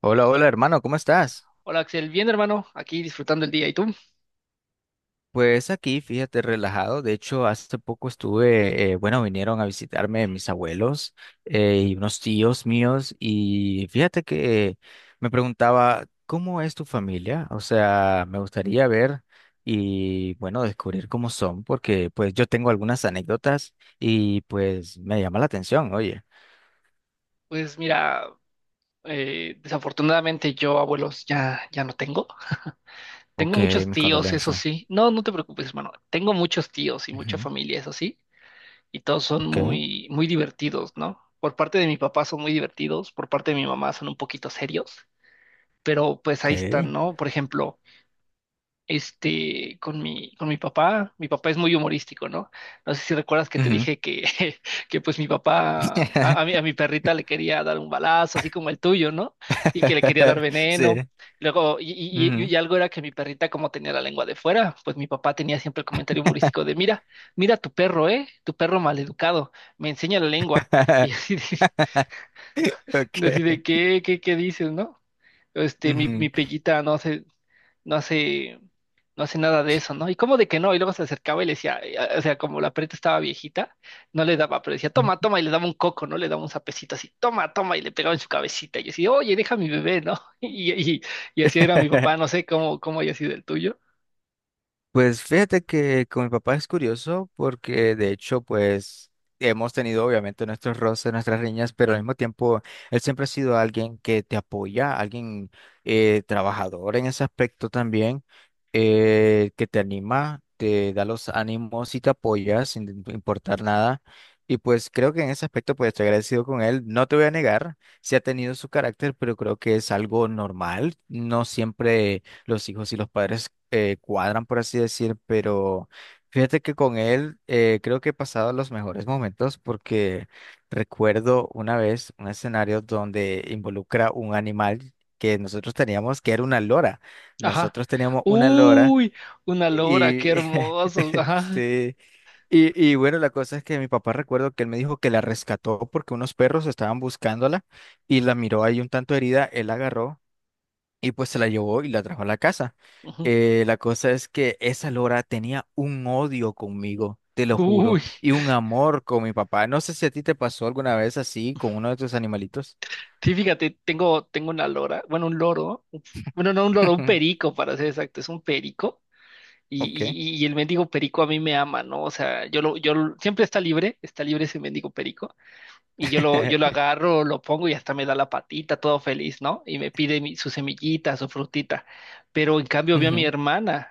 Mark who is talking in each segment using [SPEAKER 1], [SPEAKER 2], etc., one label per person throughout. [SPEAKER 1] Hola, hola hermano, ¿cómo estás?
[SPEAKER 2] Hola Axel, bien hermano, aquí disfrutando el día. ¿Y tú?
[SPEAKER 1] Pues aquí, fíjate, relajado. De hecho, hace poco estuve, bueno, vinieron a visitarme mis abuelos y unos tíos míos y fíjate que me preguntaba, ¿cómo es tu familia? O sea, me gustaría ver y, bueno, descubrir cómo son, porque pues yo tengo algunas anécdotas y pues me llama la atención, oye.
[SPEAKER 2] Pues mira, desafortunadamente yo abuelos ya no tengo. Tengo
[SPEAKER 1] Ok,
[SPEAKER 2] muchos
[SPEAKER 1] mis
[SPEAKER 2] tíos, eso
[SPEAKER 1] condolencias.
[SPEAKER 2] sí. No te preocupes, hermano. Tengo muchos tíos y mucha
[SPEAKER 1] Ujú.
[SPEAKER 2] familia, eso sí. Y todos son
[SPEAKER 1] Ok,
[SPEAKER 2] muy, muy divertidos, ¿no? Por parte de mi papá son muy divertidos, por parte de mi mamá son un poquito serios, pero pues ahí
[SPEAKER 1] ok.
[SPEAKER 2] están, ¿no? Por ejemplo. Este, con mi papá. Mi papá es muy humorístico, ¿no? No sé si recuerdas que te
[SPEAKER 1] Ujú.
[SPEAKER 2] dije que, que pues mi papá, a, a mi, a mi perrita le quería dar un balazo, así como el tuyo, ¿no? Y que le quería dar
[SPEAKER 1] Sí.
[SPEAKER 2] veneno. Luego, y, y, y-
[SPEAKER 1] Ujú.
[SPEAKER 2] y algo era que mi perrita, como tenía la lengua de fuera, pues mi papá tenía siempre el comentario humorístico de, mira, mira tu perro, ¿eh? Tu perro maleducado, me enseña la lengua. Y así de, así
[SPEAKER 1] Okay.
[SPEAKER 2] de, ¿qué dices, no? Este, mi,
[SPEAKER 1] Ujú.
[SPEAKER 2] mi pellita, no sé, no hace, no hace nada de eso, ¿no? Y como de que no, y luego se acercaba y le decía, o sea, como la perrita estaba viejita, no le daba, pero decía, toma, toma, y le daba un coco, ¿no? Le daba un sapecito así, toma, toma, y le pegaba en su cabecita, y yo así, oye, deja a mi bebé, ¿no? Y, y, y así era mi papá, no sé cómo, cómo haya sido el tuyo.
[SPEAKER 1] Pues fíjate que con mi papá es curioso porque de hecho pues hemos tenido obviamente nuestros roces, nuestras riñas, pero al mismo tiempo él siempre ha sido alguien que te apoya, alguien trabajador en ese aspecto también, que te anima, te da los ánimos y te apoya sin importar nada. Y pues creo que en ese aspecto pues estoy agradecido con él. No te voy a negar, sí ha tenido su carácter, pero creo que es algo normal. No siempre los hijos y los padres cuadran, por así decir, pero fíjate que con él creo que he pasado los mejores momentos porque recuerdo una vez un escenario donde involucra un animal que nosotros teníamos, que era una lora.
[SPEAKER 2] Ajá.
[SPEAKER 1] Nosotros teníamos una lora
[SPEAKER 2] Uy, una lora, qué
[SPEAKER 1] y
[SPEAKER 2] hermoso. Ajá.
[SPEAKER 1] sí. Y bueno, la cosa es que mi papá recuerdo que él me dijo que la rescató porque unos perros estaban buscándola y la miró ahí un tanto herida, él la agarró y pues se la llevó y la trajo a la casa.
[SPEAKER 2] Ujú.
[SPEAKER 1] La cosa es que esa Lora tenía un odio conmigo, te lo juro,
[SPEAKER 2] Uy,
[SPEAKER 1] y un amor con mi papá. No sé si a ti te pasó alguna vez así con uno de tus animalitos.
[SPEAKER 2] sí, fíjate, tengo una lora, bueno, un loro, bueno, no un loro, un perico, para ser exacto, es un perico. Y,
[SPEAKER 1] Ok.
[SPEAKER 2] y el mendigo perico a mí me ama, ¿no? O sea, siempre está libre ese mendigo perico, y yo lo agarro, lo pongo y hasta me da la patita, todo feliz, ¿no? Y me pide su semillita, su frutita. Pero en cambio veo a mi
[SPEAKER 1] Ujú.
[SPEAKER 2] hermana,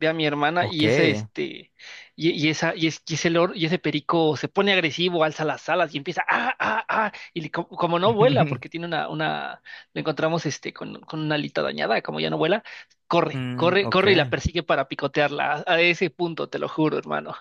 [SPEAKER 2] ve a mi hermana y ese,
[SPEAKER 1] Ok.
[SPEAKER 2] este, y esa, y, es- y ese lor- y ese perico se pone agresivo, alza las alas y empieza, ah, ah, ah, como, no vuela, porque tiene una, lo encontramos, este, con una alita dañada, como ya no vuela, corre,
[SPEAKER 1] Mm,
[SPEAKER 2] corre,
[SPEAKER 1] ok.
[SPEAKER 2] corre y la persigue para picotearla, a ese punto, te lo juro, hermano.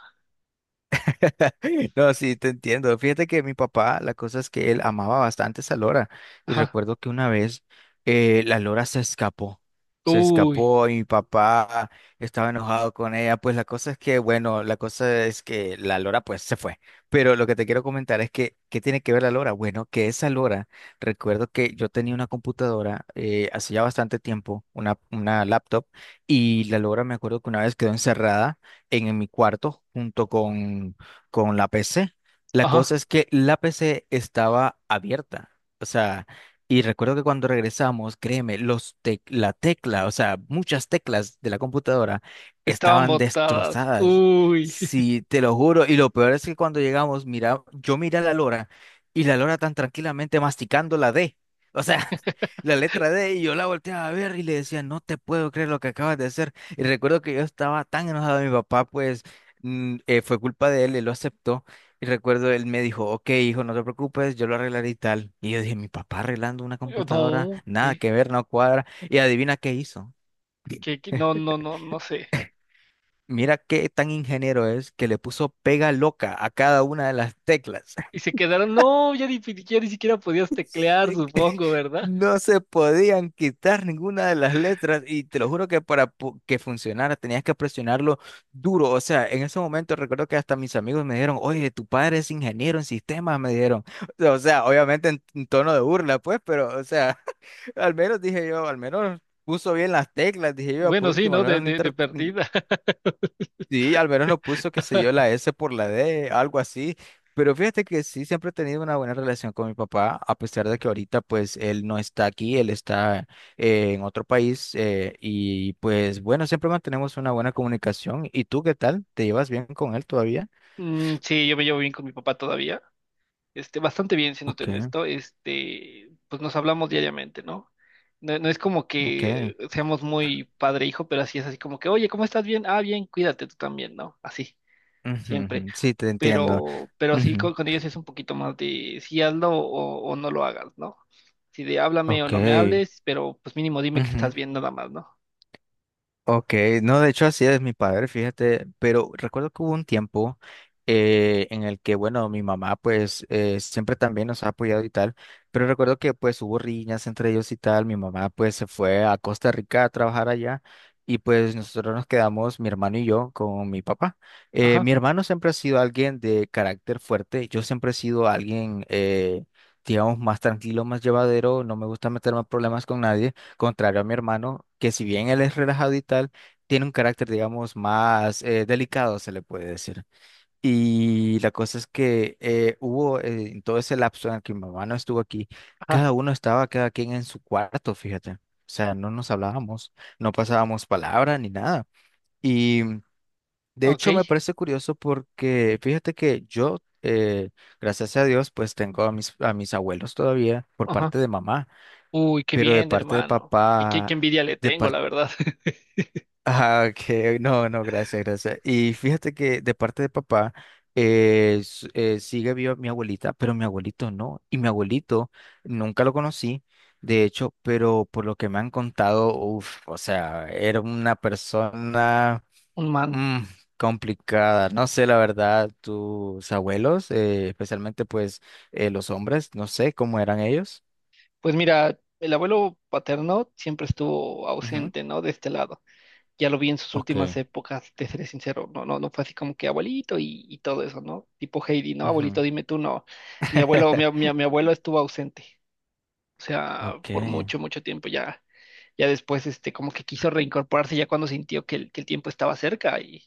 [SPEAKER 1] No, sí, te entiendo. Fíjate que mi papá, la cosa es que él amaba bastante esa lora. Y
[SPEAKER 2] Ajá,
[SPEAKER 1] recuerdo que una vez la lora se escapó. Se
[SPEAKER 2] uy,
[SPEAKER 1] escapó y mi papá estaba enojado con ella. Pues la cosa es que, bueno, la cosa es que la lora pues se fue. Pero lo que te quiero comentar es que, ¿qué tiene que ver la lora? Bueno, que esa lora, recuerdo que yo tenía una computadora hace ya bastante tiempo, una laptop, y la lora me acuerdo que una vez quedó encerrada en mi cuarto junto con la PC. La cosa
[SPEAKER 2] ajá,
[SPEAKER 1] es que la PC estaba abierta. O sea, y recuerdo que cuando regresamos, créeme, la tecla, o sea, muchas teclas de la computadora
[SPEAKER 2] estaban
[SPEAKER 1] estaban
[SPEAKER 2] botadas,
[SPEAKER 1] destrozadas.
[SPEAKER 2] uy,
[SPEAKER 1] Sí, te lo juro. Y lo peor es que cuando llegamos, mira, yo miré a la Lora y la Lora tan tranquilamente masticando la D. O sea, la letra D y yo la volteaba a ver y le decía, no te puedo creer lo que acabas de hacer. Y recuerdo que yo estaba tan enojado de mi papá, pues fue culpa de él, él lo aceptó. Y recuerdo, él me dijo, ok, hijo, no te preocupes, yo lo arreglaré y tal. Y yo dije, mi papá arreglando una computadora,
[SPEAKER 2] no,
[SPEAKER 1] nada
[SPEAKER 2] ¿qué?
[SPEAKER 1] que ver, no cuadra. Y adivina qué hizo.
[SPEAKER 2] ¿Qué? No, no sé.
[SPEAKER 1] Mira qué tan ingeniero es que le puso pega loca a cada una de las teclas.
[SPEAKER 2] Y se quedaron, no, ya ni siquiera podías teclear, supongo, ¿verdad?
[SPEAKER 1] No se podían quitar ninguna de las letras y te lo juro que que funcionara tenías que presionarlo duro. O sea, en ese momento recuerdo que hasta mis amigos me dijeron, oye, tu padre es ingeniero en sistemas, me dijeron. O sea, obviamente en tono de burla, pues, pero, o sea, al menos dije yo, al menos puso bien las teclas, dije yo, por
[SPEAKER 2] Bueno, sí,
[SPEAKER 1] último, al
[SPEAKER 2] ¿no? De,
[SPEAKER 1] menos
[SPEAKER 2] de, de
[SPEAKER 1] no.
[SPEAKER 2] perdida.
[SPEAKER 1] Sí, al menos no puso, qué sé yo, la S por la D, algo así. Pero fíjate que sí, siempre he tenido una buena relación con mi papá, a pesar de que ahorita pues él no está aquí, él está en otro país y pues bueno, siempre mantenemos una buena comunicación. ¿Y tú qué tal? ¿Te llevas bien con él todavía?
[SPEAKER 2] Mm, sí, yo me llevo bien con mi papá todavía. Este, bastante bien, siéndote
[SPEAKER 1] Ok,
[SPEAKER 2] honesto. Este, pues nos hablamos diariamente, ¿no? No, no es como
[SPEAKER 1] ok.
[SPEAKER 2] que seamos muy padre e hijo, pero así es así como que, oye, ¿cómo estás? Bien, ah, bien, cuídate tú también, ¿no? Así,
[SPEAKER 1] Ujú,
[SPEAKER 2] siempre.
[SPEAKER 1] ujú. Sí, te entiendo.
[SPEAKER 2] Pero sí
[SPEAKER 1] Ujú.
[SPEAKER 2] con ellos es un poquito más de si hazlo o no lo hagas, ¿no? Si de háblame o
[SPEAKER 1] Ok.
[SPEAKER 2] no me hables, pero pues mínimo dime que
[SPEAKER 1] Ujú.
[SPEAKER 2] estás bien nada más, ¿no?
[SPEAKER 1] Ok, no, de hecho así es mi padre, fíjate, pero recuerdo que hubo un tiempo en el que, bueno, mi mamá pues siempre también nos ha apoyado y tal, pero recuerdo que pues hubo riñas entre ellos y tal, mi mamá pues se fue a Costa Rica a trabajar allá y pues nosotros nos quedamos, mi hermano y yo, con mi papá.
[SPEAKER 2] Ajá,
[SPEAKER 1] Mi hermano siempre ha sido alguien de carácter fuerte, yo siempre he sido alguien, digamos, más tranquilo, más llevadero, no me gusta meterme en problemas con nadie contrario a mi hermano, que si bien él es relajado y tal, tiene un carácter, digamos, más delicado, se le puede decir. Y la cosa es que hubo en todo ese lapso en el que mi mamá no estuvo aquí,
[SPEAKER 2] ajá,
[SPEAKER 1] cada uno estaba, cada quien en su cuarto, fíjate. O sea, no nos hablábamos, no pasábamos palabra ni nada. Y de
[SPEAKER 2] ok,
[SPEAKER 1] hecho me parece curioso porque fíjate que yo, gracias a Dios, pues tengo a mis abuelos todavía por
[SPEAKER 2] ajá.
[SPEAKER 1] parte de mamá,
[SPEAKER 2] Uy, qué
[SPEAKER 1] pero de
[SPEAKER 2] bien,
[SPEAKER 1] parte de
[SPEAKER 2] hermano. Y qué, qué
[SPEAKER 1] papá...
[SPEAKER 2] envidia le
[SPEAKER 1] De
[SPEAKER 2] tengo, la
[SPEAKER 1] parte.
[SPEAKER 2] verdad.
[SPEAKER 1] Ah, ok, no, no, gracias, gracias. Y fíjate que de parte de papá sigue viva mi abuelita, pero mi abuelito no. Y mi abuelito nunca lo conocí, de hecho, pero por lo que me han contado, uff, o sea, era una persona
[SPEAKER 2] Un man.
[SPEAKER 1] mm, complicada. No sé, la verdad, tus abuelos, especialmente pues los hombres, no sé cómo eran ellos.
[SPEAKER 2] Pues mira, el abuelo paterno siempre estuvo
[SPEAKER 1] Ujú.
[SPEAKER 2] ausente, ¿no? De este lado. Ya lo vi en sus
[SPEAKER 1] Ok.
[SPEAKER 2] últimas épocas, te seré sincero. No fue así como que abuelito y todo eso, ¿no? Tipo Heidi, ¿no?
[SPEAKER 1] Ujú.
[SPEAKER 2] Abuelito, dime tú, no. Mi abuelo, mi, mi, mi abuelo estuvo ausente. O sea,
[SPEAKER 1] Ok.
[SPEAKER 2] por mucho, mucho tiempo ya. Ya después, este, como que quiso reincorporarse ya cuando sintió que el tiempo estaba cerca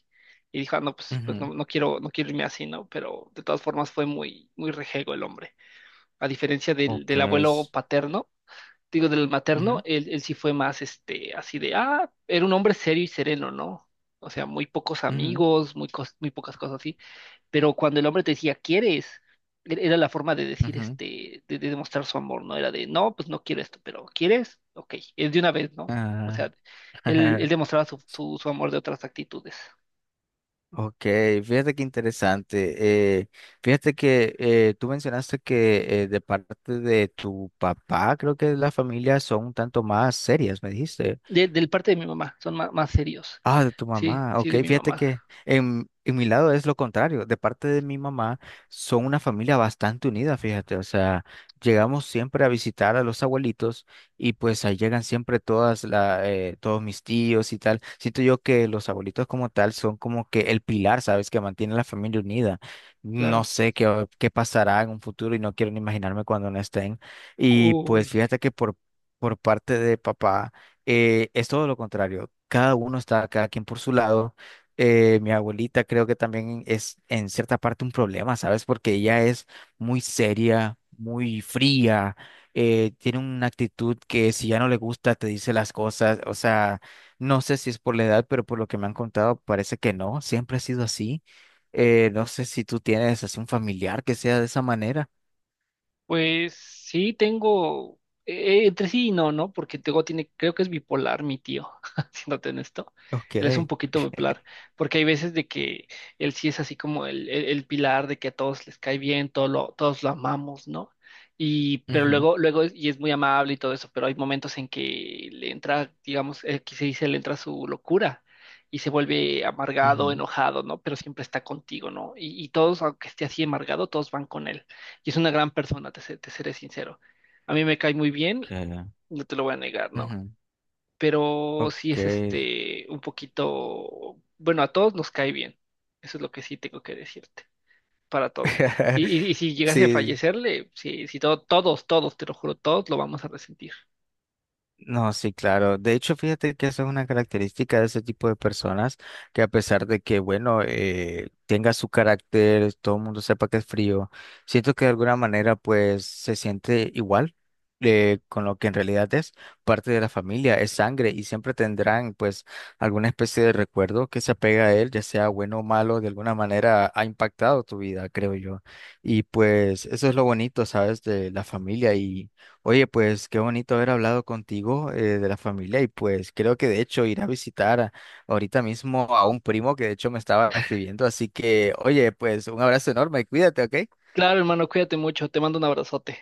[SPEAKER 2] y dijo, "Ah, no, pues
[SPEAKER 1] Ujú.
[SPEAKER 2] no, no quiero, no quiero irme así, ¿no? Pero de todas formas fue muy, muy rejego el hombre. A diferencia
[SPEAKER 1] Ok.
[SPEAKER 2] del abuelo
[SPEAKER 1] Es-
[SPEAKER 2] paterno, digo, del materno,
[SPEAKER 1] ujú.
[SPEAKER 2] él sí fue más, este, así de, ah, era un hombre serio y sereno, ¿no? O sea, muy pocos
[SPEAKER 1] Ujú,
[SPEAKER 2] amigos, muy pocas cosas así. Pero cuando el hombre te decía, ¿quieres? Era la forma de decir,
[SPEAKER 1] ujú.
[SPEAKER 2] este, de demostrar su amor, ¿no? Era de, no, pues no quiero esto, pero ¿quieres? Ok, es de una vez, ¿no? O
[SPEAKER 1] Ah.
[SPEAKER 2] sea, él demostraba su amor de otras actitudes.
[SPEAKER 1] Ok, fíjate qué interesante. eh, Fíjate que tú mencionaste que de parte de tu papá, creo que las familias son un tanto más serias, me dijiste.
[SPEAKER 2] De, del parte de mi mamá, son más, serios.
[SPEAKER 1] Ah, de tu
[SPEAKER 2] Sí,
[SPEAKER 1] mamá.
[SPEAKER 2] sí,
[SPEAKER 1] Ok,
[SPEAKER 2] de mi
[SPEAKER 1] fíjate
[SPEAKER 2] mamá,
[SPEAKER 1] que en mi lado es lo contrario. De parte de mi mamá, son una familia bastante unida, fíjate. O sea, llegamos siempre a visitar a los abuelitos y pues ahí llegan siempre todas la, todos mis tíos y tal. Siento yo que los abuelitos como tal son como que el pilar, ¿sabes? Que mantiene la familia unida. No
[SPEAKER 2] claro.
[SPEAKER 1] sé qué, qué pasará en un futuro y no quiero ni imaginarme cuando no estén. Y pues
[SPEAKER 2] Uy.
[SPEAKER 1] fíjate que por parte de papá es todo lo contrario. Cada uno está, cada quien por su lado. Mi abuelita creo que también es en cierta parte un problema, ¿sabes? Porque ella es muy seria, muy fría, tiene una actitud que si ya no le gusta te dice las cosas. O sea, no sé si es por la edad, pero por lo que me han contado parece que no, siempre ha sido así. No sé si tú tienes así un familiar que sea de esa manera.
[SPEAKER 2] Pues sí, tengo entre sí y no, ¿no? Porque tengo, tiene, creo que es bipolar mi tío, siéndote en esto.
[SPEAKER 1] Ok.
[SPEAKER 2] Él es un poquito bipolar, porque hay veces de que él sí es así como el pilar de que a todos les cae bien, todos lo amamos, ¿no? Y, pero
[SPEAKER 1] Ujú,
[SPEAKER 2] y es muy amable y todo eso, pero hay momentos en que le entra, digamos, que se dice, le entra su locura y se vuelve amargado,
[SPEAKER 1] ujú.
[SPEAKER 2] enojado, ¿no? Pero siempre está contigo, ¿no? Y todos, aunque esté así amargado, todos van con él. Y es una gran persona, te seré sincero. A mí me cae muy bien,
[SPEAKER 1] Que-
[SPEAKER 2] no te lo voy a negar, ¿no?
[SPEAKER 1] ujú.
[SPEAKER 2] Pero sí
[SPEAKER 1] Ok.
[SPEAKER 2] es este un poquito, bueno, a todos nos cae bien. Eso es lo que sí tengo que decirte, para todo. Y, y- y si llegase a
[SPEAKER 1] Sí,
[SPEAKER 2] fallecerle, sí, sí, todos, todos, te lo juro, todos lo vamos a resentir.
[SPEAKER 1] no, sí, claro. De hecho, fíjate que esa es una característica de ese tipo de personas que a pesar de que, bueno, tenga su carácter, todo el mundo sepa que es frío, siento que de alguna manera pues se siente igual con lo que en realidad es parte de la familia, es sangre y siempre tendrán pues alguna especie de recuerdo que se apega a él, ya sea bueno o malo, de alguna manera ha impactado tu vida, creo yo. Y pues eso es lo bonito, ¿sabes? De la familia y... Oye, pues qué bonito haber hablado contigo de la familia y pues creo que de hecho ir a visitar a- ahorita mismo a un primo que de hecho me estaba escribiendo, así que oye, pues un abrazo enorme, cuídate, ¿ok?
[SPEAKER 2] Claro, hermano, cuídate mucho, te mando un abrazote.